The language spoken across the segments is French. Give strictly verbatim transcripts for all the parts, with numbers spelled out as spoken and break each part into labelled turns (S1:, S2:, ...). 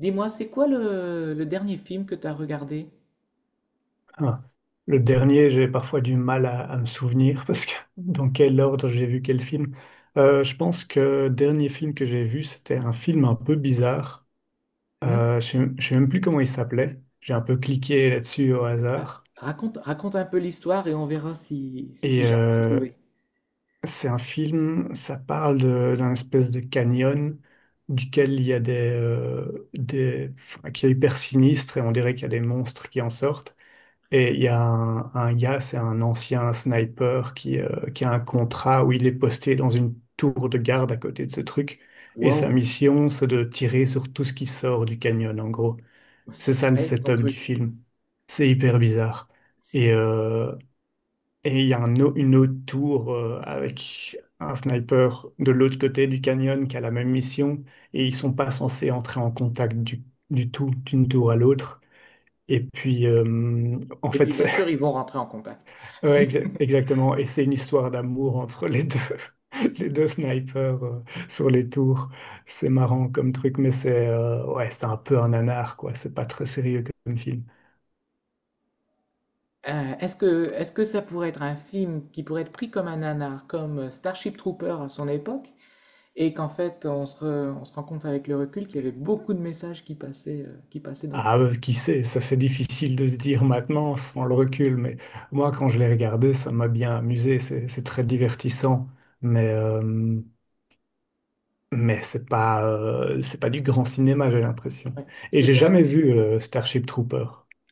S1: Dis-moi, c'est quoi le, le dernier film que tu as regardé?
S2: Ah, le dernier, j'ai parfois du mal à, à me souvenir parce que dans quel ordre j'ai vu quel film. Euh, je pense que le dernier film que j'ai vu, c'était un film un peu bizarre.
S1: Hmm.
S2: Euh, je ne sais Je sais même plus comment il s'appelait. J'ai un peu cliqué là-dessus au
S1: Ah,
S2: hasard.
S1: raconte, raconte un peu l'histoire et on verra si, si
S2: Et
S1: j'arrive à
S2: euh,
S1: trouver.
S2: c'est un film, ça parle de- d'un espèce de canyon duquel il y a des, euh, des, enfin, qui est hyper sinistre et on dirait qu'il y a des monstres qui en sortent. Et il y a un, un gars, c'est un ancien sniper qui, euh, qui a un contrat où il est posté dans une tour de garde à côté de ce truc. Et sa
S1: Wow,
S2: mission, c'est de tirer sur tout ce qui sort du canyon, en gros. C'est
S1: c'est
S2: ça le
S1: space ton
S2: setup du
S1: truc.
S2: film. C'est hyper bizarre. Et,
S1: Si.
S2: euh, et il y a un au- une autre tour euh, avec un sniper de l'autre côté du canyon qui a la même mission. Et ils sont pas censés entrer en contact du, du tout, d'une tour à l'autre. Et puis, euh, en
S1: Et puis
S2: fait,
S1: bien sûr, ils vont rentrer en contact.
S2: Ouais, exa- exactement. Et c'est une histoire d'amour entre les deux, les deux snipers euh, sur les tours. C'est marrant comme truc, mais c'est euh, ouais, c'est un peu un nanar, quoi. C'est pas très sérieux comme film.
S1: Euh, est-ce que, est-ce que ça pourrait être un film qui pourrait être pris comme un nanar, comme Starship Trooper à son époque, et qu'en fait, on se, re- on se rend compte avec le recul qu'il y avait beaucoup de messages qui passaient, euh, qui passaient dans le
S2: Ah,
S1: film.
S2: euh, qui sait, ça c'est difficile de se dire maintenant sans le recul, mais moi quand je l'ai regardé, ça m'a bien amusé. C'est c'est très divertissant, mais euh, mais c'est pas euh, c'est pas du grand cinéma, j'ai l'impression.
S1: Ouais.
S2: Et j'ai
S1: C'était un,
S2: jamais vu euh, Starship Trooper.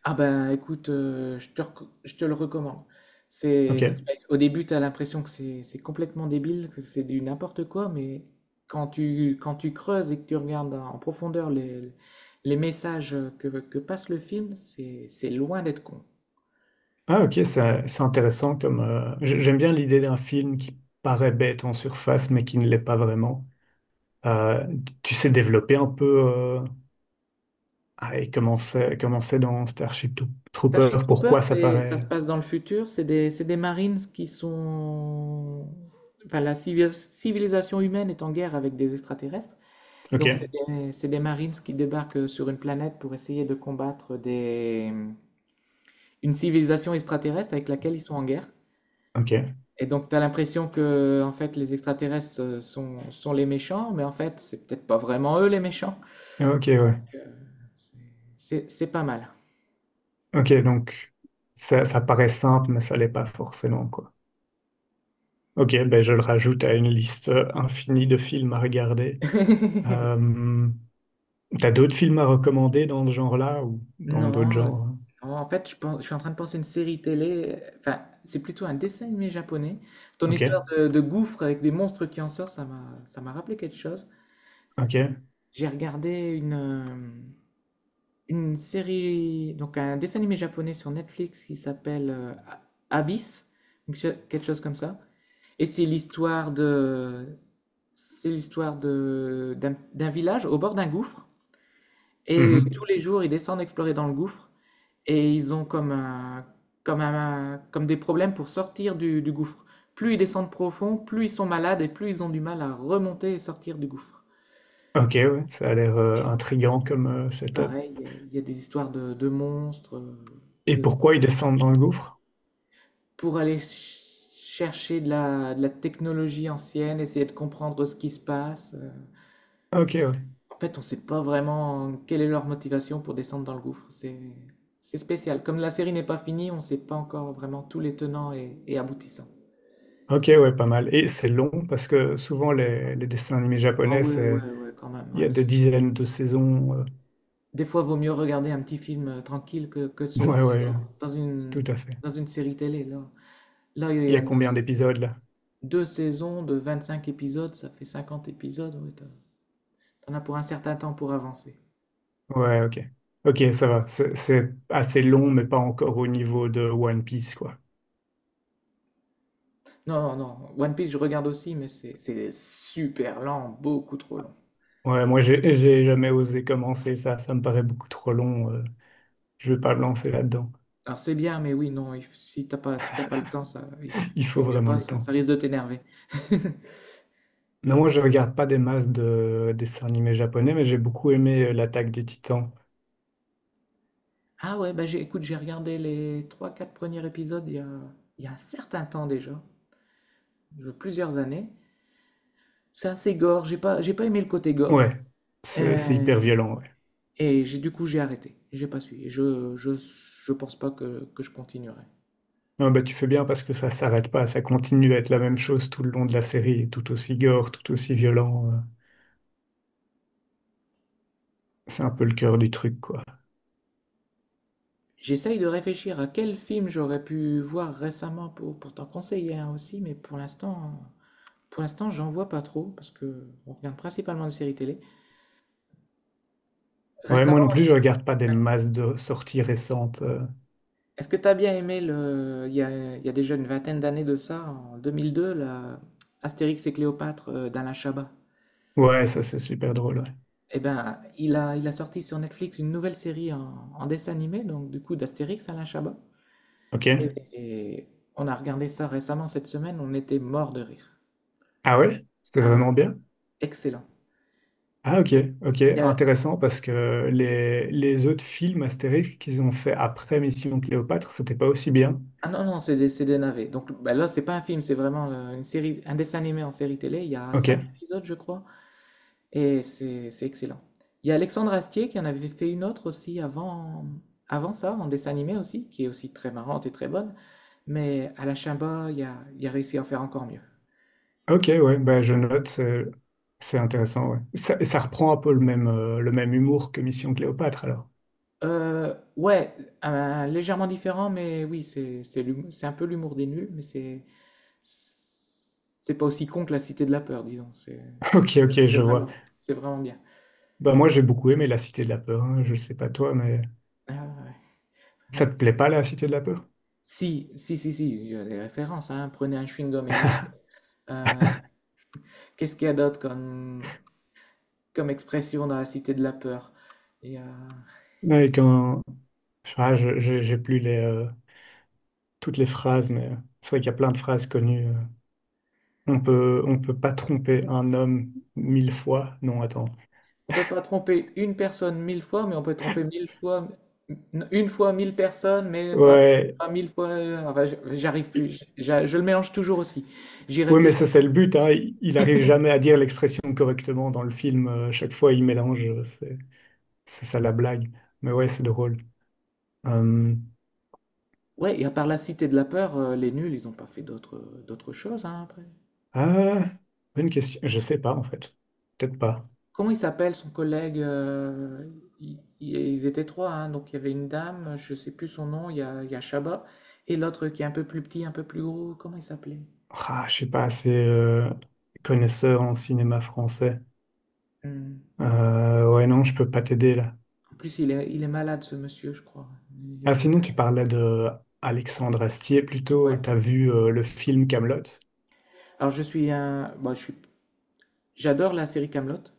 S1: Ah ben, écoute, euh, je te, reco- je te le recommande. C'est c'est
S2: Ok.
S1: space. Au début, tu as l'impression que c'est c'est complètement débile, que c'est du n'importe quoi, mais quand tu, quand tu creuses et que tu regardes en profondeur les, les messages que, que passe le film, c'est c'est loin d'être con.
S2: Ah ok, c'est c'est intéressant comme euh, j- j'aime bien l'idée d'un film qui paraît bête en surface mais qui ne l'est pas vraiment. Euh, tu sais développer un peu euh, ah, et comment c'est comment c'est dans Starship Tou-
S1: Starship
S2: Trooper,
S1: Troopers,
S2: pourquoi ça
S1: c'est- ça
S2: paraît.
S1: se passe dans le futur, c'est des, c'est des Marines qui sont... Enfin, la civilis- civilisation humaine est en guerre avec des extraterrestres.
S2: Ok,
S1: Donc, c'est des, c'est des Marines qui débarquent euh, sur une planète pour essayer de combattre des, une civilisation extraterrestre avec laquelle ils sont en guerre.
S2: ok,
S1: Et donc, tu as l'impression que en fait, les extraterrestres euh, sont, sont les méchants, mais en fait, c'est peut-être pas vraiment eux les méchants.
S2: ok, ouais,
S1: Donc, euh, C'est c'est pas mal.
S2: ok donc ça, ça paraît simple mais ça l'est pas forcément quoi. Ok, ben je le rajoute à une liste infinie de films à regarder. Euh, t'as d'autres films à recommander dans ce genre-là ou dans d'autres
S1: Non, euh,
S2: genres?
S1: en fait, je pense, je suis en train de penser à une série télé. euh, Enfin, c'est plutôt un dessin animé japonais. Ton histoire
S2: Ok.
S1: de, de gouffre avec des monstres qui en sortent, ça m'a, ça m'a rappelé quelque chose.
S2: Ok.
S1: J'ai regardé une, euh, une série, donc un dessin animé japonais sur Netflix qui s'appelle euh, A- Abyss, donc che- quelque chose comme ça. Et c'est l'histoire de, c'est l'histoire de, d'un, d'un village au bord d'un gouffre. Et tous
S2: Mhm.
S1: les jours, ils descendent explorer dans le gouffre. Et ils ont comme un, comme un, comme des problèmes pour sortir du, du gouffre. Plus ils descendent profond, plus ils sont malades et plus ils ont du mal à remonter et sortir du gouffre.
S2: Ok, ouais, ça a l'air euh, intriguant comme euh, setup.
S1: Pareil, il y a- il y a des histoires de, de monstres. euh, et
S2: Et
S1: de-
S2: pourquoi ils descendent dans le gouffre?
S1: pour aller ch- chercher de la, de la technologie ancienne, essayer de comprendre ce qui se passe. euh.
S2: Ok, ouais.
S1: En fait, on ne sait pas vraiment quelle est leur motivation pour descendre dans le gouffre. C'est c'est spécial. Comme la série n'est pas finie, on ne sait pas encore vraiment tous les tenants et, et aboutissants.
S2: Ok, ouais, pas mal. Et c'est long parce que souvent les, les dessins animés
S1: Ah
S2: japonais,
S1: ouais,
S2: c'est
S1: ouais, ouais, quand même.
S2: il y
S1: Ouais,
S2: a
S1: c'est-
S2: des dizaines de saisons. euh.
S1: des fois, vaut mieux regarder un petit film euh, tranquille que, que de se
S2: Ouais,
S1: lancer
S2: ouais,
S1: dans, dans une,
S2: tout à fait.
S1: dans une série télé. Là, là, il y
S2: Il y
S1: a
S2: a combien d'épisodes là?
S1: deux saisons de vingt-cinq épisodes, ça fait cinquante épisodes. Ouais, t'en as pour un certain temps pour avancer.
S2: Ouais, ok. Ok, ça va. C'est c'est assez long, mais pas encore au niveau de One Piece, quoi.
S1: Non, non, non. One Piece, je regarde aussi, mais c'est c'est super lent, beaucoup trop long.
S2: Ouais, moi j'ai j'ai jamais osé commencer ça. Ça me paraît beaucoup trop long. euh. Je vais pas me lancer là-dedans.
S1: Alors c'est bien, mais oui, non, il f- si t'as pas, si t'as pas le temps, ça, il
S2: Il faut
S1: vaut mieux
S2: vraiment
S1: pas,
S2: le
S1: ça,
S2: temps.
S1: ça risque de t'énerver.
S2: Non, moi je regarde pas des masses de dessins animés japonais, mais j'ai beaucoup aimé euh, l'attaque des Titans.
S1: Ah ouais, bah j'ai, écoute, j'ai regardé les trois, quatre premiers épisodes il y a, il y a un certain temps déjà, je- plusieurs années. C'est assez gore, j'ai pas, j'ai pas aimé le côté gore.
S2: Ouais, c'est c'est
S1: Euh,
S2: hyper violent. Ouais.
S1: Et j'ai, du coup, j'ai arrêté. J'ai pas suivi. Je, je, je pense pas que, que je continuerai.
S2: Non, bah, tu fais bien parce que ça s'arrête pas, ça continue à être la même chose tout le long de la série, et tout aussi gore, tout aussi violent. euh. C'est un peu le cœur du truc, quoi.
S1: J'essaye de réfléchir à quel film j'aurais pu voir récemment pour, pour t'en conseiller un aussi, mais pour l'instant, pour l'instant, j'en vois pas trop parce que on regarde principalement des séries télé.
S2: Ouais, moi non
S1: Récemment,
S2: plus, je regarde pas des masses de sorties récentes. euh.
S1: est-ce que t'as bien aimé le, il y a, il y a déjà une vingtaine d'années de ça, en deux mille deux, la Astérix et Cléopâtre euh, d'Alain Chabat?
S2: Ouais, ça c'est super drôle. Ouais.
S1: Eh ben, il a, il a sorti sur Netflix une nouvelle série en, en dessin animé, donc du coup d'Astérix Alain Chabat. Et,
S2: Ok.
S1: et on a regardé ça récemment cette semaine, on était mort de rire.
S2: Ah ouais? C'était vraiment
S1: Ah,
S2: bien?
S1: excellent.
S2: Ah ok, ok,
S1: Il y a-
S2: intéressant parce que les, les autres films Astérix qu'ils ont fait après Mission Cléopâtre, c'était pas aussi bien.
S1: Ah non, non, c'est des, c'est des navets. Donc bah là, c'est pas un film, c'est vraiment euh, une série, un dessin animé en série télé. Il y a cinq
S2: Ok,
S1: épisodes, je crois, et c'est c'est excellent. Il y a Alexandre Astier qui en avait fait une autre aussi avant, avant ça, en dessin animé aussi, qui est aussi très marrante et très bonne. Mais à la Chimba, il a, il a réussi à en faire encore mieux.
S2: ok, ouais, bah je note, c'est c'est intéressant, ouais. Ça, ça reprend un peu le même, euh, le même humour que Mission Cléopâtre alors.
S1: Euh, ouais, un- légèrement différent, mais oui, c'est c'est l'humour- c'est un peu l'humour des nuls, mais c'est... C'est pas aussi con que la Cité de la Peur, disons. C'est
S2: Ok, ok,
S1: c'est
S2: je vois.
S1: vraiment, c'est vraiment bien.
S2: Bah moi j'ai beaucoup aimé La Cité de la Peur, hein, je sais pas toi, mais
S1: Ah ouais,
S2: ça te
S1: ouais.
S2: plaît pas La Cité de la Peur?
S1: Si, si, si, si, il y a des références. Hein. Prenez un chewing-gum Emmy. Euh, Qu'est-ce qu'il y a d'autre comme, comme expression dans la Cité de la Peur? Et, euh,
S2: Ouais, quand... Ah, je, je- j'ai plus les, euh, toutes les phrases, mais c'est vrai qu'il y a plein de phrases connues. euh. On peut, on peut pas tromper un homme mille fois. Non, attends.
S1: on peut pas tromper une personne mille fois, mais on peut tromper mille fois, une fois mille personnes, mais pas,
S2: Ouais,
S1: pas mille fois. Euh, enfin, je- j'arrive plus. Je, je- je le mélange toujours aussi. J'y
S2: ouais, mais
S1: réfléchis.
S2: ça c'est le but, hein. Il il arrive jamais à dire l'expression correctement dans le film. Euh, chaque fois, il mélange. euh, C'est, c'est ça la blague. Mais ouais, c'est drôle. Euh,
S1: Ouais, et à part la Cité de la Peur, euh, les nuls, ils n'ont pas fait d'autres euh, d'autres choses hein, après.
S2: ah, Bonne question. Je sais pas en fait. Peut-être pas.
S1: Comment il s'appelle son collègue euh, il- il- ils étaient trois, hein, donc il y avait une dame, je sais plus son nom, il y a, il y a Chabat, et l'autre qui est un peu plus petit, un peu plus gros, comment il s'appelait?
S2: Ah, je suis pas assez euh, connaisseur en cinéma français.
S1: Hum,
S2: Euh, ouais, non, je peux pas t'aider là.
S1: En plus, il est, il est malade ce monsieur, je crois. Il a
S2: Ah,
S1: une
S2: sinon,
S1: maladie.
S2: tu parlais de Alexandre Astier plutôt.
S1: Ouais.
S2: T'as vu euh, le film Camelot?
S1: Alors je suis un, bon, je suis, j'adore la série Kaamelott.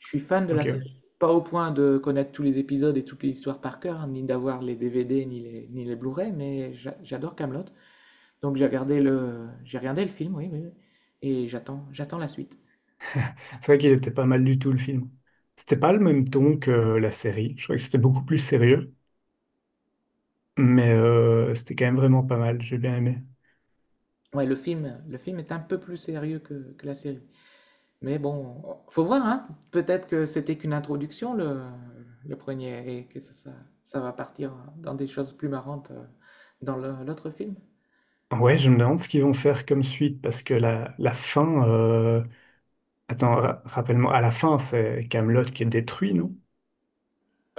S1: Je suis fan de la
S2: Ok.
S1: série. Pas au point de connaître tous les épisodes et toutes les histoires par cœur, hein, ni d'avoir les D V D ni les, ni les Blu-ray, mais j'a- j'adore Kaamelott. Donc j'ai regardé le, j'ai regardé le film, oui, oui, oui. Et j'attends, j'attends la suite.
S2: C'est vrai qu'il était pas mal du tout le film. C'était pas le même ton que euh, la série. Je crois que c'était beaucoup plus sérieux, mais euh, c'était quand même vraiment pas mal. J'ai bien aimé.
S1: Ouais, le film, le film est un peu plus sérieux que, que la série. Mais bon, faut voir, hein. Peut-être que c'était qu'une introduction, le, le premier, et que ça, ça, ça va partir dans des choses plus marrantes euh, dans le- l'autre film.
S2: Ouais, je me demande ce qu'ils vont faire comme suite parce que la, la fin. euh, Attends, ra- rappelle-moi. À la fin, c'est Camelot qui est détruit, non?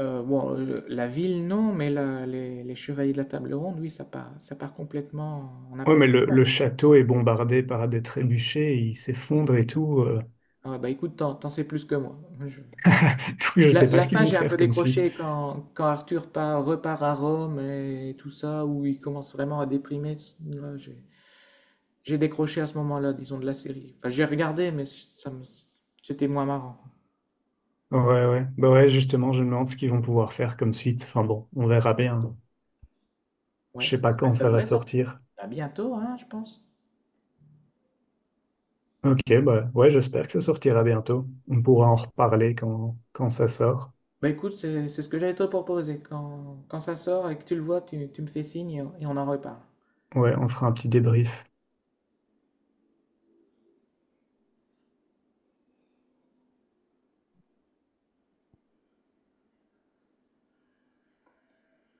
S1: Euh, bon, euh, la ville, non, mais la- les, les Chevaliers de la Table Ronde, oui, ça part, ça part complètement en
S2: Ouais, mais
S1: n'importe
S2: le,
S1: quoi.
S2: le château est bombardé par des trébuchets, il s'effondre et tout. euh.
S1: Ah ouais, bah écoute, t'en, t'en sais plus que moi. Je-
S2: Donc, je
S1: La,
S2: sais pas
S1: la
S2: ce qu'ils
S1: fin,
S2: vont
S1: j'ai un peu
S2: faire comme suite.
S1: décroché quand, quand Arthur part- repart à Rome et tout ça, où il commence vraiment à déprimer. Là, j'ai j'ai décroché à ce moment-là, disons, de la série. Enfin, j'ai regardé, mais ça me- c'était moins marrant.
S2: Ouais, ouais. Bah ouais, justement, je me demande ce qu'ils vont pouvoir faire comme suite. Enfin bon, on verra bien.
S1: Ouais,
S2: Je sais
S1: ça,
S2: pas
S1: ça-
S2: quand
S1: ça
S2: ça va
S1: devrait sortir
S2: sortir.
S1: à bientôt, hein, je pense.
S2: Ok, bah ouais, j'espère que ça sortira bientôt. On pourra en reparler quand, quand ça sort.
S1: Bah écoute, c'est c'est ce que j'allais te proposer. Quand, quand ça sort et que tu le vois, tu, tu me fais signe et on et on en reparle.
S2: Ouais, on fera un petit débrief.